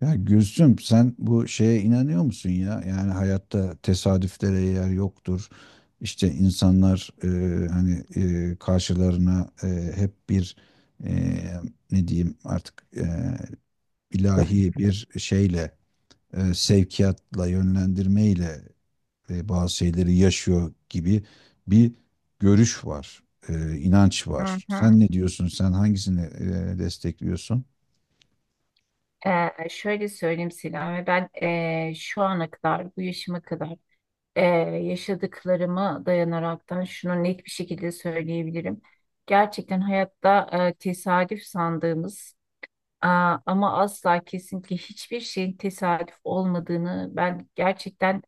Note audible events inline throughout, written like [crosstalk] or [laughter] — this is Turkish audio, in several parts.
Ya Gülsüm sen bu şeye inanıyor musun ya? Yani hayatta tesadüflere yer yoktur. İşte insanlar hani karşılarına hep bir e, ne diyeyim artık ilahi bir şeyle sevkiyatla yönlendirmeyle bazı şeyleri yaşıyor gibi bir görüş var, inanç Hı var. hı. Sen ne diyorsun? Sen hangisini destekliyorsun? Şöyle söyleyeyim Selami, ben şu ana kadar, bu yaşıma kadar ee, yaşadıklarımı dayanaraktan şunu net bir şekilde söyleyebilirim. Gerçekten hayatta tesadüf sandığımız... Aa, ama asla kesinlikle hiçbir şeyin tesadüf olmadığını ben gerçekten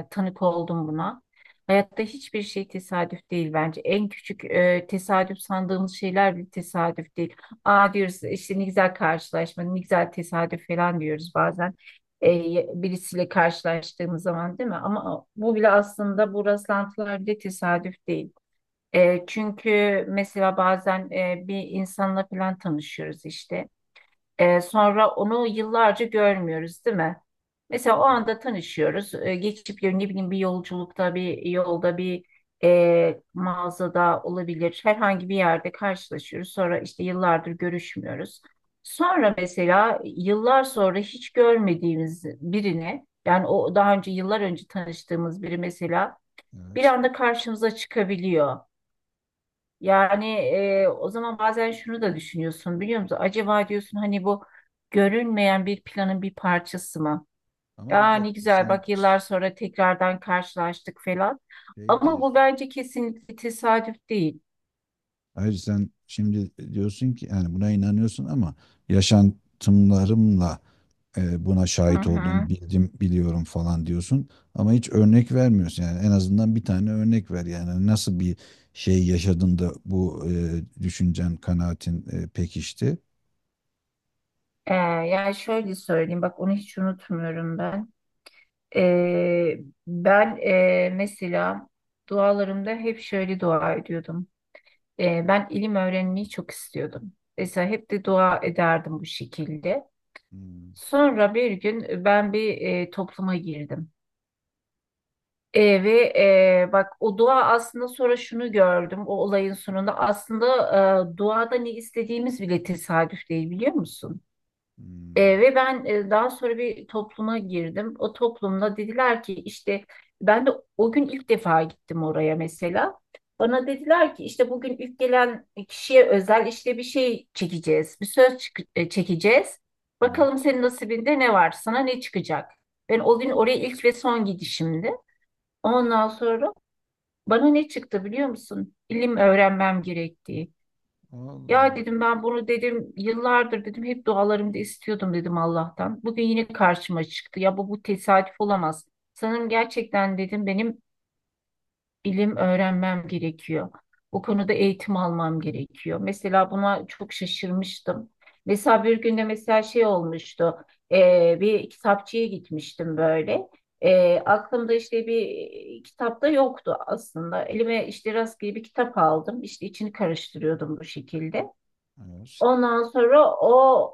tanık oldum buna. Hayatta hiçbir şey tesadüf değil bence. En küçük tesadüf sandığımız şeyler bile tesadüf değil. Aa diyoruz işte, ne güzel karşılaşma, ne güzel tesadüf falan diyoruz bazen. E, Birisiyle karşılaştığımız zaman, değil mi? Ama bu bile, aslında bu rastlantılar bile tesadüf değil. Çünkü mesela bazen bir insanla falan tanışıyoruz işte. Sonra onu yıllarca görmüyoruz, değil mi? Mesela o anda tanışıyoruz. Geçip ne bileyim, bir yolculukta, bir yolda, bir mağazada olabilir. Herhangi bir yerde karşılaşıyoruz. Sonra işte yıllardır görüşmüyoruz. Sonra mesela yıllar sonra hiç görmediğimiz birini, yani o daha önce yıllar önce tanıştığımız biri mesela bir Evet. anda karşımıza çıkabiliyor. Yani o zaman bazen şunu da düşünüyorsun, biliyor musun? Acaba diyorsun, hani bu görünmeyen bir planın bir parçası mı? Ama bir Aa, ne dakika güzel sen bak, yıllar sonra tekrardan karşılaştık falan. şey Ama dedi, bu bence kesinlikle tesadüf değil. Hayır sen şimdi diyorsun ki yani buna inanıyorsun ama yaşantımlarımla buna Hı şahit hı. oldum, bildim, biliyorum falan diyorsun ama hiç örnek vermiyorsun. Yani en azından bir tane örnek ver. Yani nasıl bir şey yaşadın da bu düşüncen, kanaatin pekişti? Yani şöyle söyleyeyim bak, onu hiç unutmuyorum ben. E, Ben mesela dualarımda hep şöyle dua ediyordum. Ben ilim öğrenmeyi çok istiyordum. Mesela hep de dua ederdim bu şekilde. Hmm. Sonra bir gün ben bir topluma girdim. Ve bak, o dua aslında, sonra şunu gördüm o olayın sonunda, aslında duada ne istediğimiz bile tesadüf değil, biliyor musun? Hmm, Ve ben daha sonra bir topluma girdim. O toplumda dediler ki işte, ben de o gün ilk defa gittim oraya mesela. Bana dediler ki işte, bugün ilk gelen kişiye özel işte bir şey çekeceğiz. Bir söz çekeceğiz. Bakalım evet. senin nasibinde ne var? Sana ne çıkacak? Ben o gün oraya ilk ve son gidişimdi. Ondan sonra bana ne çıktı, biliyor musun? İlim öğrenmem gerektiği. Allah Ya Allah. dedim, ben bunu dedim yıllardır, dedim hep dualarımda istiyordum, dedim Allah'tan. Bugün yine karşıma çıktı. Ya bu tesadüf olamaz. Sanırım gerçekten, dedim, benim ilim öğrenmem gerekiyor. Bu konuda eğitim almam gerekiyor. Mesela buna çok şaşırmıştım. Mesela bir günde mesela şey olmuştu. Bir kitapçıya gitmiştim böyle. Aklımda işte bir kitap da yoktu aslında. Elime işte rastgele bir kitap aldım. İşte içini karıştırıyordum bu şekilde. Evet. Ondan sonra o,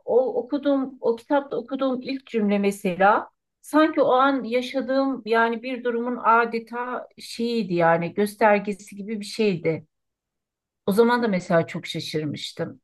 o okuduğum, o kitapta okuduğum ilk cümle mesela sanki o an yaşadığım yani bir durumun adeta şeyiydi, yani göstergesi gibi bir şeydi. O zaman da mesela çok şaşırmıştım.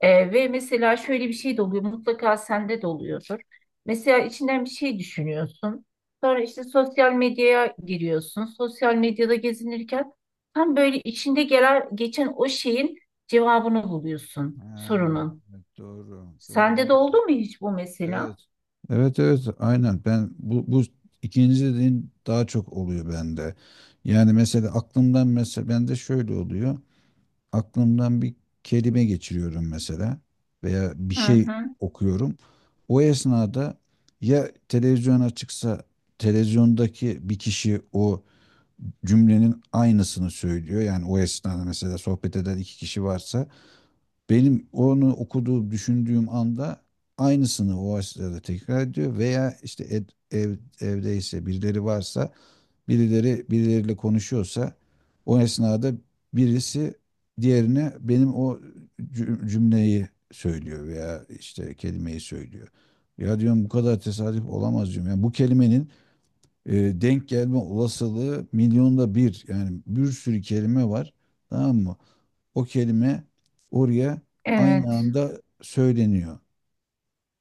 Ve mesela şöyle bir şey de oluyor, mutlaka sende de oluyordur. Mesela içinden bir şey düşünüyorsun. Sonra işte sosyal medyaya giriyorsun. Sosyal medyada gezinirken tam böyle içinde gelen geçen o şeyin cevabını buluyorsun, Ha, sorunun. evet, doğru. Doğru Sende ben de de. oldu mu hiç bu mesela? Evet. Evet, evet, aynen. Ben bu ikinci dediğin daha çok oluyor bende. Yani mesela aklımdan mesela bende şöyle oluyor. Aklımdan bir kelime geçiriyorum mesela veya bir Hı şey hı. okuyorum. O esnada ya televizyon açıksa televizyondaki bir kişi o cümlenin aynısını söylüyor. Yani o esnada mesela sohbet eden iki kişi varsa benim onu okuduğum, düşündüğüm anda aynısını o esnada tekrar ediyor veya işte ev, evdeyse birileri varsa birileri birileriyle konuşuyorsa o esnada birisi diğerine benim o cümleyi söylüyor veya işte kelimeyi söylüyor. Ya diyorum bu kadar tesadüf olamaz diyorum. Yani bu kelimenin e, denk gelme olasılığı milyonda bir. Yani bir sürü kelime var. Tamam mı? O kelime oraya aynı Evet. anda söyleniyor.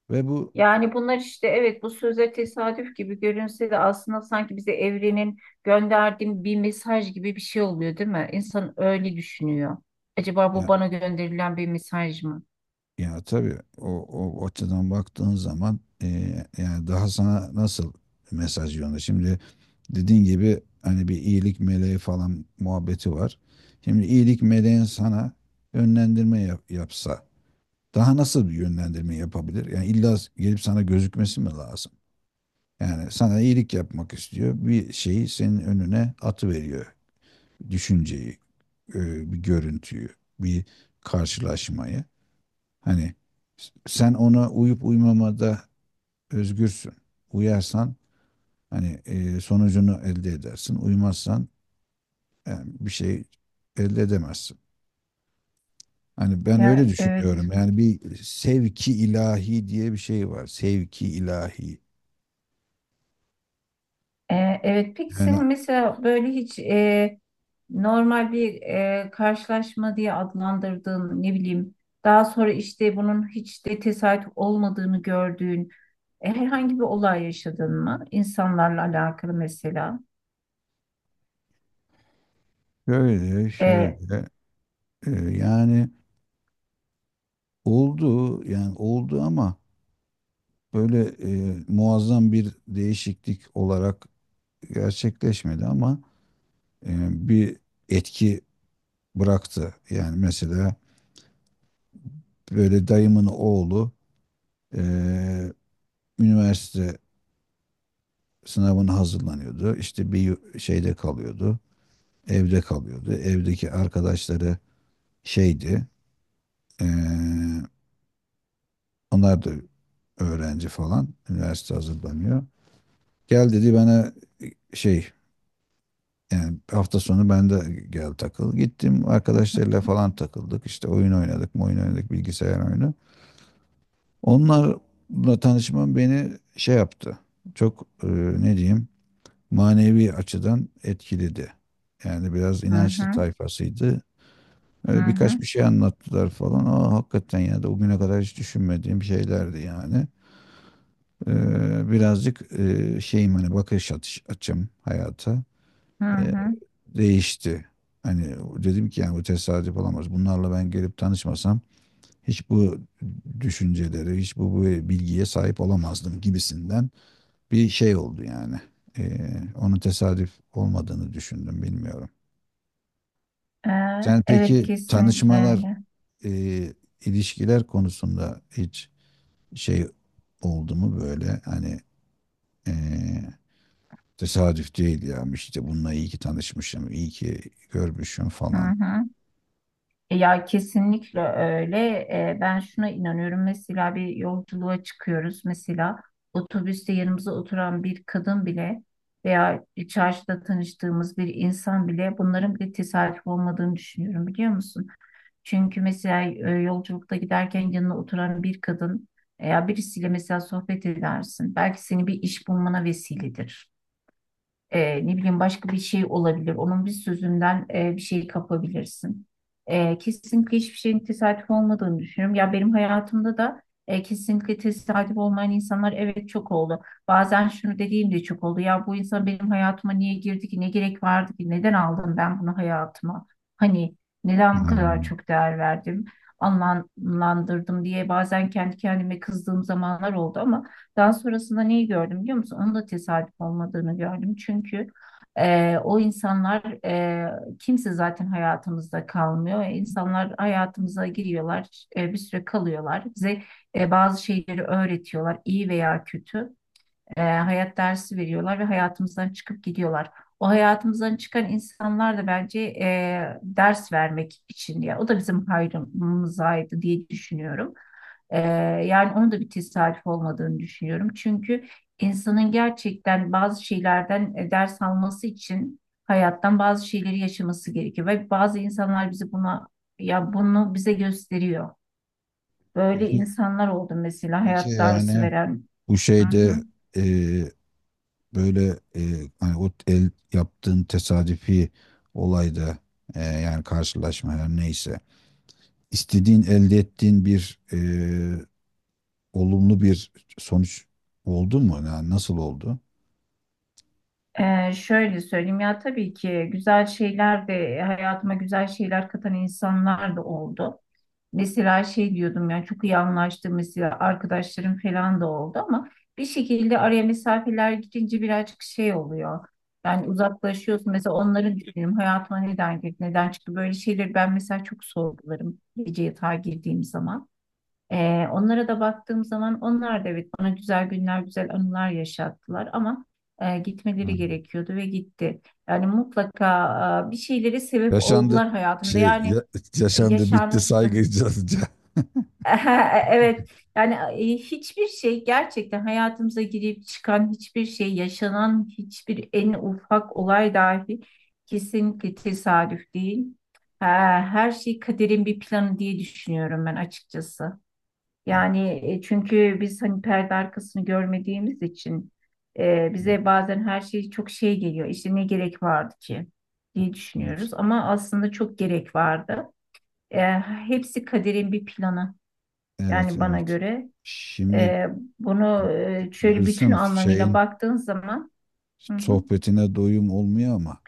Ve bu Yani bunlar işte, evet, bu söze tesadüf gibi görünse de aslında sanki bize evrenin gönderdiği bir mesaj gibi bir şey oluyor, değil mi? İnsan öyle düşünüyor. Acaba bu ya, bana gönderilen bir mesaj mı? ya tabii o, o açıdan baktığın zaman yani daha sana nasıl mesaj yolunda. Şimdi dediğin gibi hani bir iyilik meleği falan muhabbeti var. Şimdi iyilik meleğin sana yapsa daha nasıl bir yönlendirme yapabilir? Yani illa gelip sana gözükmesi mi lazım? Yani sana iyilik yapmak istiyor. Bir şeyi senin önüne atı veriyor. Düşünceyi, bir görüntüyü, bir karşılaşmayı. Hani sen ona uyup uymamada özgürsün. Uyarsan hani sonucunu elde edersin. Uymazsan yani bir şey elde edemezsin. Hani ben öyle Ya evet. düşünüyorum. Yani bir sevki ilahi diye bir şey var. Sevki ilahi. Evet, peki Yani senin mesela böyle hiç normal bir karşılaşma diye adlandırdığın, ne bileyim, daha sonra işte bunun hiç de tesadüf olmadığını gördüğün herhangi bir olay yaşadın mı? İnsanlarla alakalı mesela. şöyle E, şöyle e, yani oldu ama böyle muazzam bir değişiklik olarak gerçekleşmedi ama e, bir etki bıraktı. Yani mesela böyle dayımın oğlu eee, üniversite sınavına hazırlanıyordu. İşte şeyde kalıyordu. Evde kalıyordu. Evdeki arkadaşları şeydi. eee, onlar da öğrenci falan. Üniversite hazırlanıyor. Gel dedi bana şey yani hafta sonu ben de gel takıl. Gittim arkadaşlarıyla falan takıldık. İşte oyun oynadık bilgisayar oyunu. Onlarla tanışmam beni şey yaptı. Çok ne diyeyim manevi açıdan etkiledi. Yani biraz hı inançlı hı, tayfasıydı. hı Öyle hı, birkaç bir şey anlattılar falan. Aa, hakikaten ya da o güne kadar hiç düşünmediğim şeylerdi yani. Birazcık şeyim hani açım hayata hı e, hı. değişti. Hani dedim ki yani bu tesadüf olamaz. Bunlarla ben gelip tanışmasam hiç bu düşüncelere, bu bilgiye sahip olamazdım gibisinden bir şey oldu yani. Onun tesadüf olmadığını düşündüm bilmiyorum. Ee, Sen evet, peki kesinlikle tanışmalar, öyle. e, ilişkiler konusunda hiç şey oldu mu böyle hani e, tesadüf değil ya işte bununla iyi ki tanışmışım, iyi ki görmüşüm Hı falan. hı. Ya kesinlikle öyle. Ben şuna inanıyorum. Mesela bir yolculuğa çıkıyoruz. Mesela otobüste yanımıza oturan bir kadın bile veya çarşıda tanıştığımız bir insan bile, bunların bir tesadüf olmadığını düşünüyorum, biliyor musun? Çünkü mesela yolculukta giderken yanına oturan bir kadın veya birisiyle mesela sohbet edersin. Belki seni bir iş bulmana vesiledir. Ne bileyim, başka bir şey olabilir. Onun bir sözünden bir şey kapabilirsin. Kesinlikle hiçbir şeyin tesadüf olmadığını düşünüyorum. Ya benim hayatımda da kesinlikle tesadüf olmayan insanlar, evet, çok oldu. Bazen şunu dediğim de çok oldu. Ya bu insan benim hayatıma niye girdi ki? Ne gerek vardı ki? Neden aldım ben bunu hayatıma? Hani neden bu Ha, kadar çok değer verdim, anlamlandırdım diye bazen kendi kendime kızdığım zamanlar oldu, ama daha sonrasında neyi gördüm, biliyor musun? Onun da tesadüf olmadığını gördüm. Çünkü o insanlar, kimse zaten hayatımızda kalmıyor. İnsanlar hayatımıza giriyorlar, bir süre kalıyorlar. Bize bazı şeyleri öğretiyorlar, iyi veya kötü hayat dersi veriyorlar ve hayatımızdan çıkıp gidiyorlar. O hayatımızdan çıkan insanlar da bence ders vermek için, ya o da bizim hayrımızaydı diye düşünüyorum. E, Yani onun da bir tesadüf olmadığını düşünüyorum. Çünkü insanın gerçekten bazı şeylerden ders alması için hayattan bazı şeyleri yaşaması gerekiyor ve bazı insanlar bizi buna, ya bunu bize gösteriyor. Böyle peki, insanlar oldu mesela, peki hayat dersi yani veren. bu Hı hı. şeyde e, böyle hani o el yaptığın tesadüfi olayda yani karşılaşma her neyse istediğin elde ettiğin bir olumlu bir sonuç oldu mu? Yani nasıl oldu? Şöyle söyleyeyim, ya tabii ki güzel şeyler de, hayatıma güzel şeyler katan insanlar da oldu. Mesela şey diyordum, yani çok iyi anlaştığım mesela arkadaşlarım falan da oldu, ama bir şekilde araya mesafeler girince birazcık şey oluyor. Yani uzaklaşıyorsun mesela, onları düşünüyorum hayatıma neden girdi neden çıktı, böyle şeyleri ben mesela çok sorgularım gece yatağa girdiğim zaman. Onlara da baktığım zaman onlar da evet, bana güzel günler, güzel anılar yaşattılar ama gitmeleri Hı. gerekiyordu ve gitti. Yani mutlaka bir şeylere sebep Yaşandı oldular hayatımda. şey Yani ya- yaşandı bitti yaşanmış. saygı [laughs] [laughs] saygıca. Evet, yani hiçbir şey, gerçekten hayatımıza girip çıkan hiçbir şey, yaşanan hiçbir en ufak olay dahi kesinlikle tesadüf değil. Ha, her şey kaderin bir planı diye düşünüyorum ben, açıkçası. Yani çünkü biz hani perde arkasını görmediğimiz için bize bazen her şey çok şey geliyor. İşte ne gerek vardı ki diye Evet. düşünüyoruz. Ama aslında çok gerek vardı. Hepsi kaderin bir planı, Evet, yani bana evet. göre. Şimdi E, Bunu şöyle bütün görürsem anlamıyla şeyin baktığın zaman... Hı hı. sohbetine doyum olmuyor ama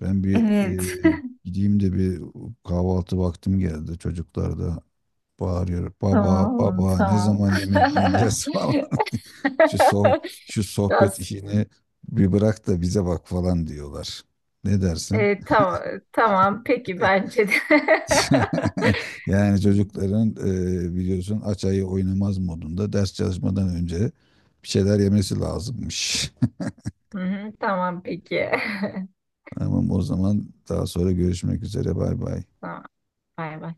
ben bir Evet. e, gideyim de bir kahvaltı vaktim geldi. Çocuklar da bağırıyor. [laughs] Baba, Tamam, baba ne tamam. zaman yemek yiyeceğiz [laughs] [laughs] falan. Şu soh- şu sohbet Biraz, işini bir bırak da bize bak falan diyorlar. Ne dersin? Tamam, tamam peki, bence de. [laughs] Yani [laughs] çocukların biliyorsun aç ayı oynamaz modunda ders çalışmadan önce bir şeyler yemesi lazımmış. Hı hı, tamam peki. [laughs] [laughs] Tamam o zaman daha sonra görüşmek üzere. Bay bay. Tamam. Bay bay.